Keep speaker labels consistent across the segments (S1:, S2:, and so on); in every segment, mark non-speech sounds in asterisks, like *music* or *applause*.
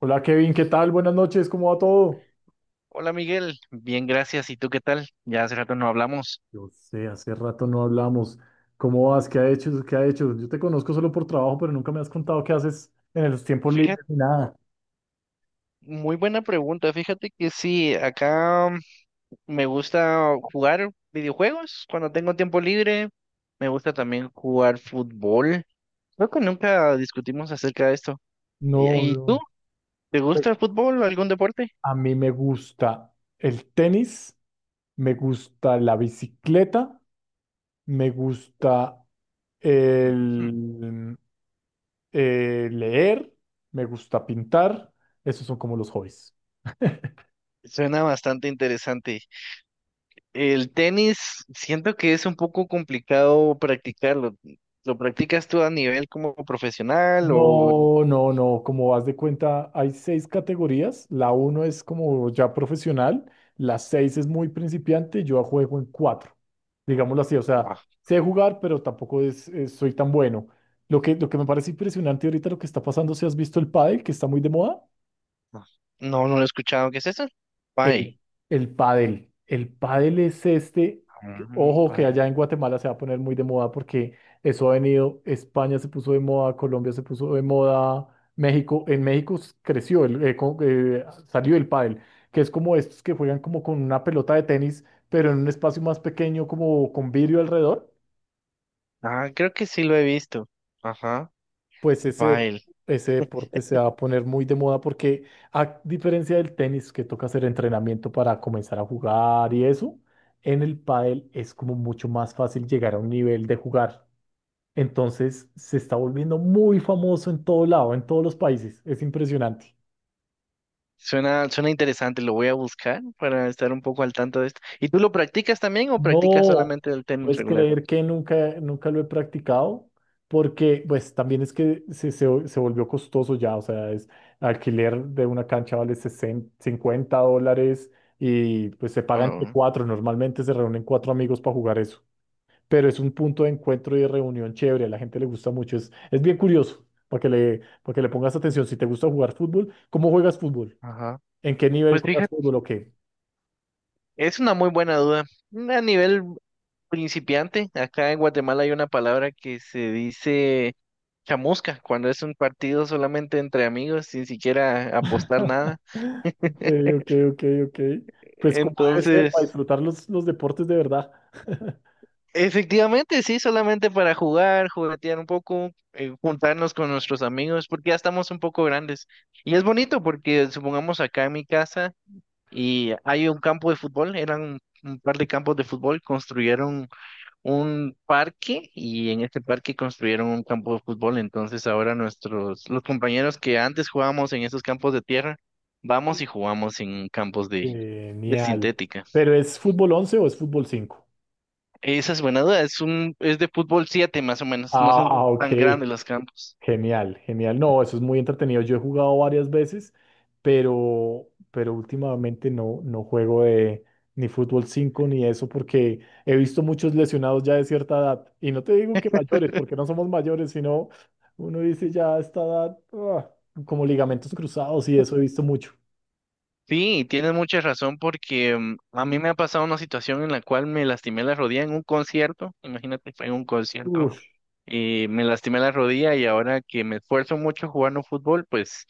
S1: Hola Kevin, ¿qué tal? Buenas noches, ¿cómo va todo?
S2: Hola Miguel, bien, gracias. ¿Y tú qué tal? Ya hace rato no hablamos.
S1: Yo sé, hace rato no hablamos. ¿Cómo vas? ¿Qué ha hecho? Yo te conozco solo por trabajo, pero nunca me has contado qué haces en los tiempos
S2: Fíjate,
S1: libres ni nada.
S2: muy buena pregunta. Fíjate que sí, acá me gusta jugar videojuegos cuando tengo tiempo libre. Me gusta también jugar fútbol. Creo que nunca discutimos acerca de esto. ¿Y,
S1: No,
S2: y tú?
S1: no.
S2: ¿Te
S1: Pues
S2: gusta el fútbol o algún deporte?
S1: a mí me gusta el tenis, me gusta la bicicleta, me gusta
S2: Ujú.
S1: el, leer, me gusta pintar. Esos son como los hobbies.
S2: Suena bastante interesante. El tenis, siento que es un poco complicado practicarlo. ¿Lo practicas tú a nivel como profesional o...
S1: No, no, no, como vas de cuenta, hay seis categorías. La uno es como ya profesional, la seis es muy principiante, yo juego en cuatro, digámoslo así, o sea, sé jugar, pero tampoco soy tan bueno. Lo que me parece impresionante ahorita lo que está pasando, si has visto el pádel, que está muy de moda.
S2: No, no lo he escuchado. ¿Qué es eso? Pile.
S1: El, el pádel. El pádel es este,
S2: Mm,
S1: ojo que
S2: pile.
S1: allá en Guatemala se va a poner muy de moda porque eso ha venido, España se puso de moda, Colombia se puso de moda, México, en México creció, salió el pádel, que es como estos que juegan como con una pelota de tenis, pero en un espacio más pequeño, como con vidrio alrededor.
S2: Ah, creo que sí lo he visto. Ajá.
S1: Pues ese,
S2: Pile.
S1: ese deporte se va a poner muy de moda porque a diferencia del tenis que toca hacer entrenamiento para comenzar a jugar y eso, en el pádel es como mucho más fácil llegar a un nivel de jugar. Entonces se está volviendo muy famoso en todo lado, en todos los países. Es impresionante.
S2: Suena, suena interesante. Lo voy a buscar para estar un poco al tanto de esto. ¿Y tú lo practicas también o practicas
S1: No,
S2: solamente el tenis
S1: puedes
S2: regular?
S1: creer que nunca, nunca lo he practicado, porque pues también es que se volvió costoso ya, o sea, es alquiler de una cancha vale 60 $50 y pues se
S2: ¿O
S1: paga entre
S2: no?
S1: cuatro, normalmente se reúnen cuatro amigos para jugar eso, pero es un punto de encuentro y de reunión chévere, a la gente le gusta mucho, es bien curioso, para que le pongas atención, si te gusta jugar fútbol, ¿cómo juegas fútbol?
S2: Ajá.
S1: ¿En qué nivel
S2: Pues
S1: juegas
S2: fíjate,
S1: fútbol o qué?
S2: es una muy buena duda. A nivel principiante, acá en Guatemala hay una palabra que se dice chamusca, cuando es un partido solamente entre amigos, sin siquiera apostar nada.
S1: *laughs* Ok, ok, ok, ok. Pues como debe ser, para
S2: Entonces,
S1: disfrutar los deportes de verdad. *laughs*
S2: efectivamente, sí, solamente para jugar, juguetear un poco, juntarnos con nuestros amigos, porque ya estamos un poco grandes. Y es bonito porque supongamos acá en mi casa y hay un campo de fútbol, eran un par de campos de fútbol, construyeron un parque y en este parque construyeron un campo de fútbol. Entonces ahora nuestros, los compañeros que antes jugábamos en esos campos de tierra, vamos y jugamos en campos de
S1: Genial.
S2: sintética.
S1: ¿Pero es fútbol 11 o es fútbol 5?
S2: Esa es buena duda. Es de fútbol 7 más o menos. No son
S1: Ah, ok.
S2: tan grandes los campos.
S1: Genial, genial. No, eso es muy entretenido. Yo he jugado varias veces, pero últimamente no juego de, ni fútbol 5 ni eso porque he visto muchos lesionados ya de cierta edad. Y no te digo que mayores, porque no somos mayores, sino uno dice ya a esta edad, ah, como ligamentos cruzados y eso he visto mucho.
S2: Sí, tienes mucha razón porque a mí me ha pasado una situación en la cual me lastimé la rodilla en un concierto. Imagínate, fue en un concierto
S1: Uf,
S2: y me lastimé la rodilla y ahora que me esfuerzo mucho jugando fútbol, pues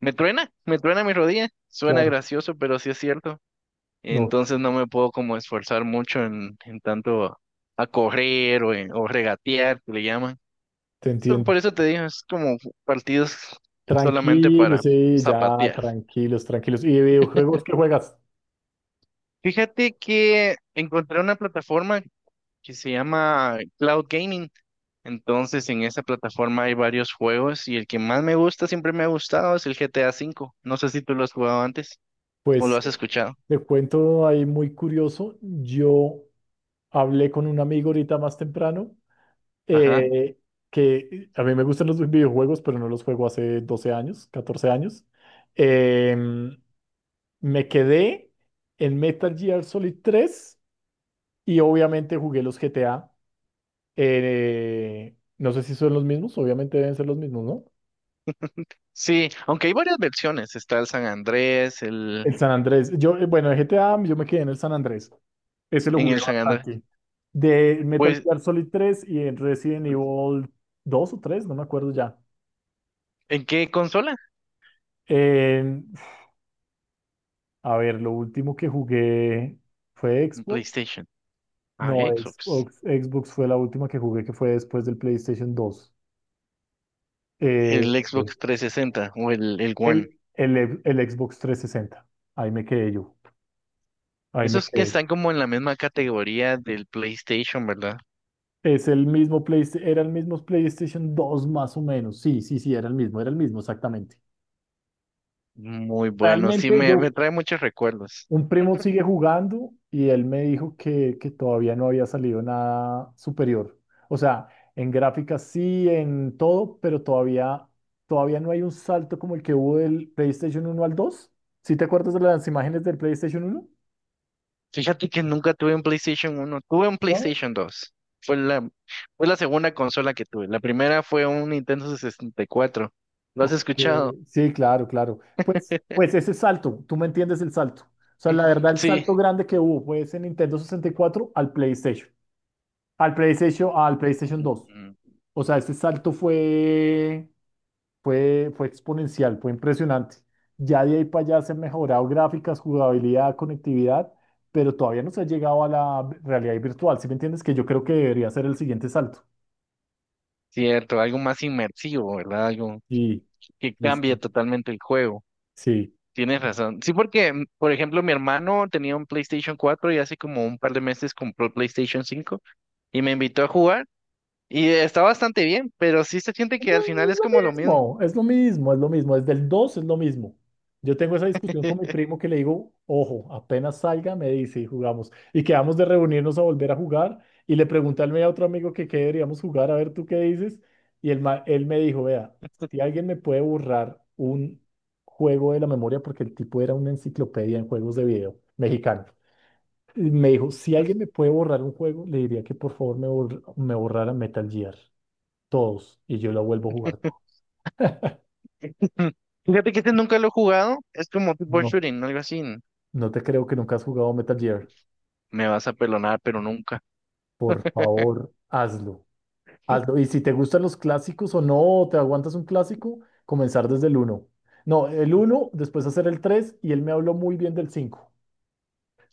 S2: me truena mi rodilla. Suena
S1: claro,
S2: gracioso, pero sí es cierto.
S1: no,
S2: Entonces no me puedo como esforzar mucho en tanto a correr o regatear, que le llaman.
S1: te
S2: Solo
S1: entiendo.
S2: por eso te digo, es como partidos solamente
S1: Tranquilos,
S2: para
S1: sí, ya,
S2: zapatear.
S1: tranquilos, tranquilos. ¿Y de videojuegos qué juegas?
S2: Fíjate que encontré una plataforma que se llama Cloud Gaming. Entonces, en esa plataforma hay varios juegos y el que más me gusta, siempre me ha gustado, es el GTA 5. No sé si tú lo has jugado antes o lo
S1: Pues
S2: has escuchado.
S1: te cuento ahí muy curioso. Yo hablé con un amigo ahorita más temprano,
S2: Ajá.
S1: eh, que a mí me gustan los videojuegos, pero no los juego hace 12 años, 14 años. Em, me quedé en Metal Gear Solid tres y obviamente jugué los GTA. No sé si son los mismos, obviamente deben ser los mismos, ¿no?
S2: Sí, aunque hay varias versiones. Está el San Andrés, el
S1: El San Andrés. Yo, bueno, de GTA, yo me quedé en el San Andrés. Ese lo
S2: en
S1: jugué
S2: el San Andrés.
S1: bastante. De Metal
S2: Pues,
S1: Gear Solid tres y en Resident Evil dos o tres, no me acuerdo ya.
S2: ¿en qué consola?
S1: Eh, a ver, lo último que jugué fue
S2: En
S1: Xbox.
S2: PlayStation. Ah,
S1: No,
S2: Xbox.
S1: Xbox, Xbox fue la última que jugué, que fue después del PlayStation dos. Eh,
S2: El Xbox 360 o el One.
S1: el Xbox 360. Ahí me quedé yo. Ahí me
S2: Esos que
S1: quedé.
S2: están como en la misma categoría del PlayStation, ¿verdad?
S1: Es el mismo PlayStation, era el mismo PlayStation dos más o menos. Sí, sí, sí, era el mismo, exactamente.
S2: Muy bueno, sí,
S1: Realmente
S2: me
S1: yo,
S2: trae muchos recuerdos.
S1: un primo sigue jugando y él me dijo que todavía no había salido nada superior. O sea, en gráficas sí, en todo, pero todavía no hay un salto como el que hubo del PlayStation uno al 2. ¿Sí te acuerdas de las imágenes del PlayStation 1?
S2: Fíjate que nunca tuve un PlayStation 1, tuve un PlayStation 2. Fue la, fue la segunda consola que tuve. La primera fue un Nintendo 64. ¿Lo has
S1: Que-
S2: escuchado?
S1: Sí, claro, claro. Pues ese salto, tú me entiendes el salto. O sea, la verdad, el
S2: Sí,
S1: salto grande que hubo fue ese Nintendo 64 al PlayStation, dos.
S2: ujú.
S1: O sea, ese salto fue exponencial, fue impresionante. Ya de ahí para allá se han mejorado gráficas, jugabilidad, conectividad, pero todavía no se ha llegado a la realidad virtual. ¿Sí me entiendes? Que yo creo que debería ser el siguiente salto.
S2: Cierto, algo más inmersivo, ¿verdad? Algo
S1: Sí,
S2: que
S1: sí,
S2: cambia
S1: sí.
S2: totalmente el juego.
S1: Sí.
S2: Tienes razón. Sí, porque, por ejemplo, mi hermano tenía un PlayStation 4 y hace como un par de meses compró el PlayStation 5. Y me invitó a jugar y está bastante bien, pero sí se siente que al final es como lo mismo.
S1: No, es lo mismo, es lo mismo, es lo mismo. Desde el 2 es lo mismo. Yo tengo esa discusión con mi
S2: *laughs*
S1: primo que le digo, ojo, apenas salga, me dice y jugamos. Y quedamos de reunirnos a volver a jugar. Y le pregunté al medio a otro amigo que qué deberíamos jugar, a ver tú qué dices. Y él me dijo, vea, si alguien me puede borrar un juego de la memoria, porque el tipo era una enciclopedia en juegos de video mexicano. Y me dijo, si alguien me puede borrar un juego, le diría que por favor me borrara Metal Gear, todos, y yo lo vuelvo a jugar.
S2: Fíjate que este nunca lo he jugado, es como tipo
S1: No,
S2: shooting, ¿no? Algo así.
S1: no te creo que nunca has jugado Metal Gear.
S2: Me vas a pelonar, pero nunca.
S1: Por favor, hazlo. Hazlo. Y si te gustan los clásicos o no, te aguantas un clásico, comenzar desde el uno. No, el uno, después hacer el 3 y él me habló muy bien del 5.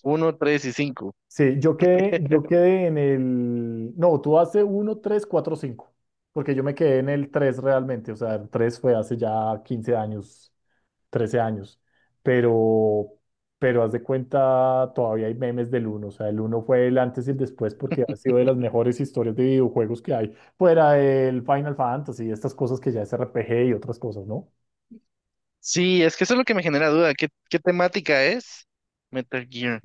S2: Uno, tres y cinco.
S1: Sí, yo quedé en... el... No, tú hace uno, 3, 4, 5. Porque yo me quedé en el 3 realmente. O sea, el 3 fue hace ya 15 años, 13 años, pero, pero haz de cuenta, todavía hay memes del uno, o sea, el uno fue el antes y el después porque ha sido de las mejores historias de videojuegos que hay, fuera del Final Fantasy, estas cosas que ya es RPG y otras cosas, ¿no?
S2: Sí, es que eso es lo que me genera duda. ¿Qué temática es? Metal Gear.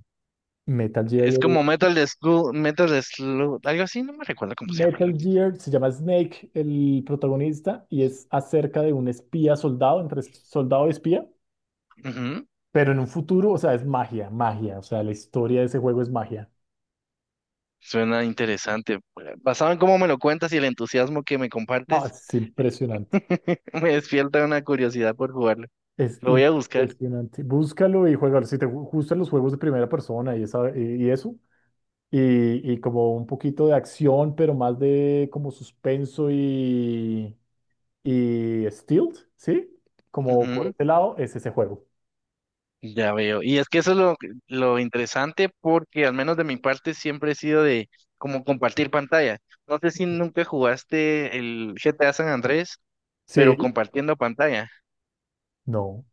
S1: Metal Gear,
S2: Es como Metal de Slug, algo así, no me recuerdo cómo se llama.
S1: Metal Gear se llama Snake, el protagonista, y es acerca de un espía soldado, entre soldado y espía,
S2: Ujú.
S1: pero en un futuro, o sea, es magia, magia, o sea, la historia de ese juego es magia.
S2: Suena interesante. Basado en cómo me lo cuentas y el entusiasmo que me
S1: No,
S2: compartes,
S1: es impresionante.
S2: *laughs* me despierta una curiosidad por jugarlo.
S1: Es
S2: Lo voy a buscar.
S1: impresionante. Búscalo y juégalo. Si te gustan los juegos de primera persona y, y eso, y como un poquito de acción, pero más de como suspenso y, stealth, ¿sí? Como por
S2: Ujú,
S1: ese lado, es ese juego.
S2: ya veo. Y es que eso es lo interesante porque al menos de mi parte siempre he sido de como compartir pantalla. No sé si nunca jugaste el GTA San Andrés, pero
S1: Sí.
S2: compartiendo pantalla.
S1: No.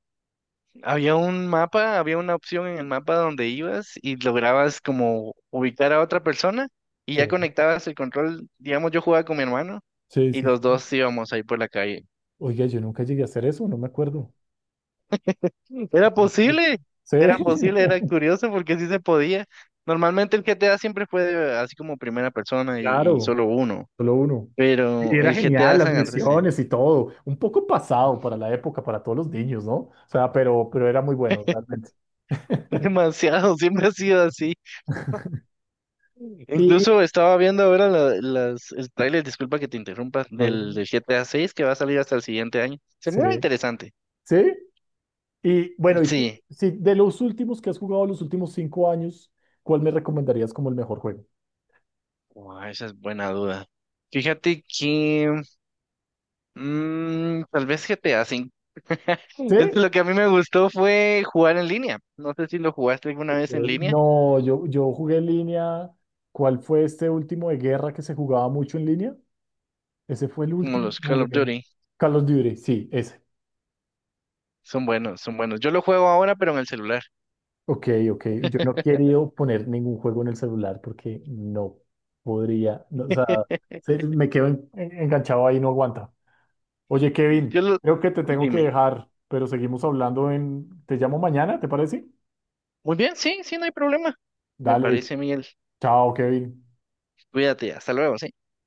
S2: Había un mapa, había una opción en el mapa donde ibas y lograbas como ubicar a otra persona y ya
S1: Sí,
S2: conectabas el control. Digamos, yo jugaba con mi hermano
S1: sí,
S2: y
S1: sí.
S2: los
S1: Sí.
S2: dos íbamos ahí por la calle.
S1: Oiga, yo nunca llegué a hacer eso, no me acuerdo.
S2: Era posible,
S1: Sí,
S2: era
S1: *laughs*
S2: posible, era curioso porque sí se podía. Normalmente el GTA siempre así como primera persona y
S1: claro.
S2: solo uno,
S1: Solo uno. Y
S2: pero
S1: era
S2: el
S1: genial,
S2: GTA
S1: las
S2: San Andrés,
S1: misiones y todo. Un poco pasado para la época, para todos los niños, ¿no? O sea, pero era muy bueno, realmente.
S2: *laughs* demasiado, siempre ha sido así.
S1: Y,
S2: Incluso estaba viendo ahora el tráiler, disculpa que te interrumpa, del,
S1: bueno,
S2: del GTA 6 que va a salir hasta el siguiente año. Se
S1: sí,
S2: mira interesante.
S1: sí. Y bueno, y tú,
S2: Sí,
S1: sí, de los últimos que has jugado los últimos 5 años, ¿cuál me recomendarías como el mejor juego?
S2: guau, esa es buena duda. Fíjate que... Mm, tal vez GTA 5 V.
S1: ¿Sí?
S2: *laughs* Es lo que a mí me gustó fue jugar en línea. No sé si lo jugaste alguna
S1: Ok.
S2: vez en línea,
S1: No, yo jugué en línea. ¿Cuál fue este último de guerra que se jugaba mucho en línea? Ese fue el
S2: como
S1: último
S2: los
S1: que
S2: Call of
S1: jugué.
S2: Duty.
S1: Carlos of Duty, sí, ese.
S2: Son buenos, son buenos. Yo lo juego ahora, pero en el celular.
S1: Ok, ok. Yo no
S2: *laughs*
S1: quiero poner ningún juego en el celular porque no podría, no, o sea, me quedo enganchado ahí y no aguanta. Oye, Kevin,
S2: Yo lo...
S1: creo que te tengo que
S2: Dime.
S1: dejar, pero seguimos hablando en... ¿Te llamo mañana, te parece?
S2: Muy bien, sí, sí, no hay problema. Me
S1: Dale,
S2: parece, Miguel.
S1: chao, Kevin.
S2: Cuídate, hasta luego. Sí.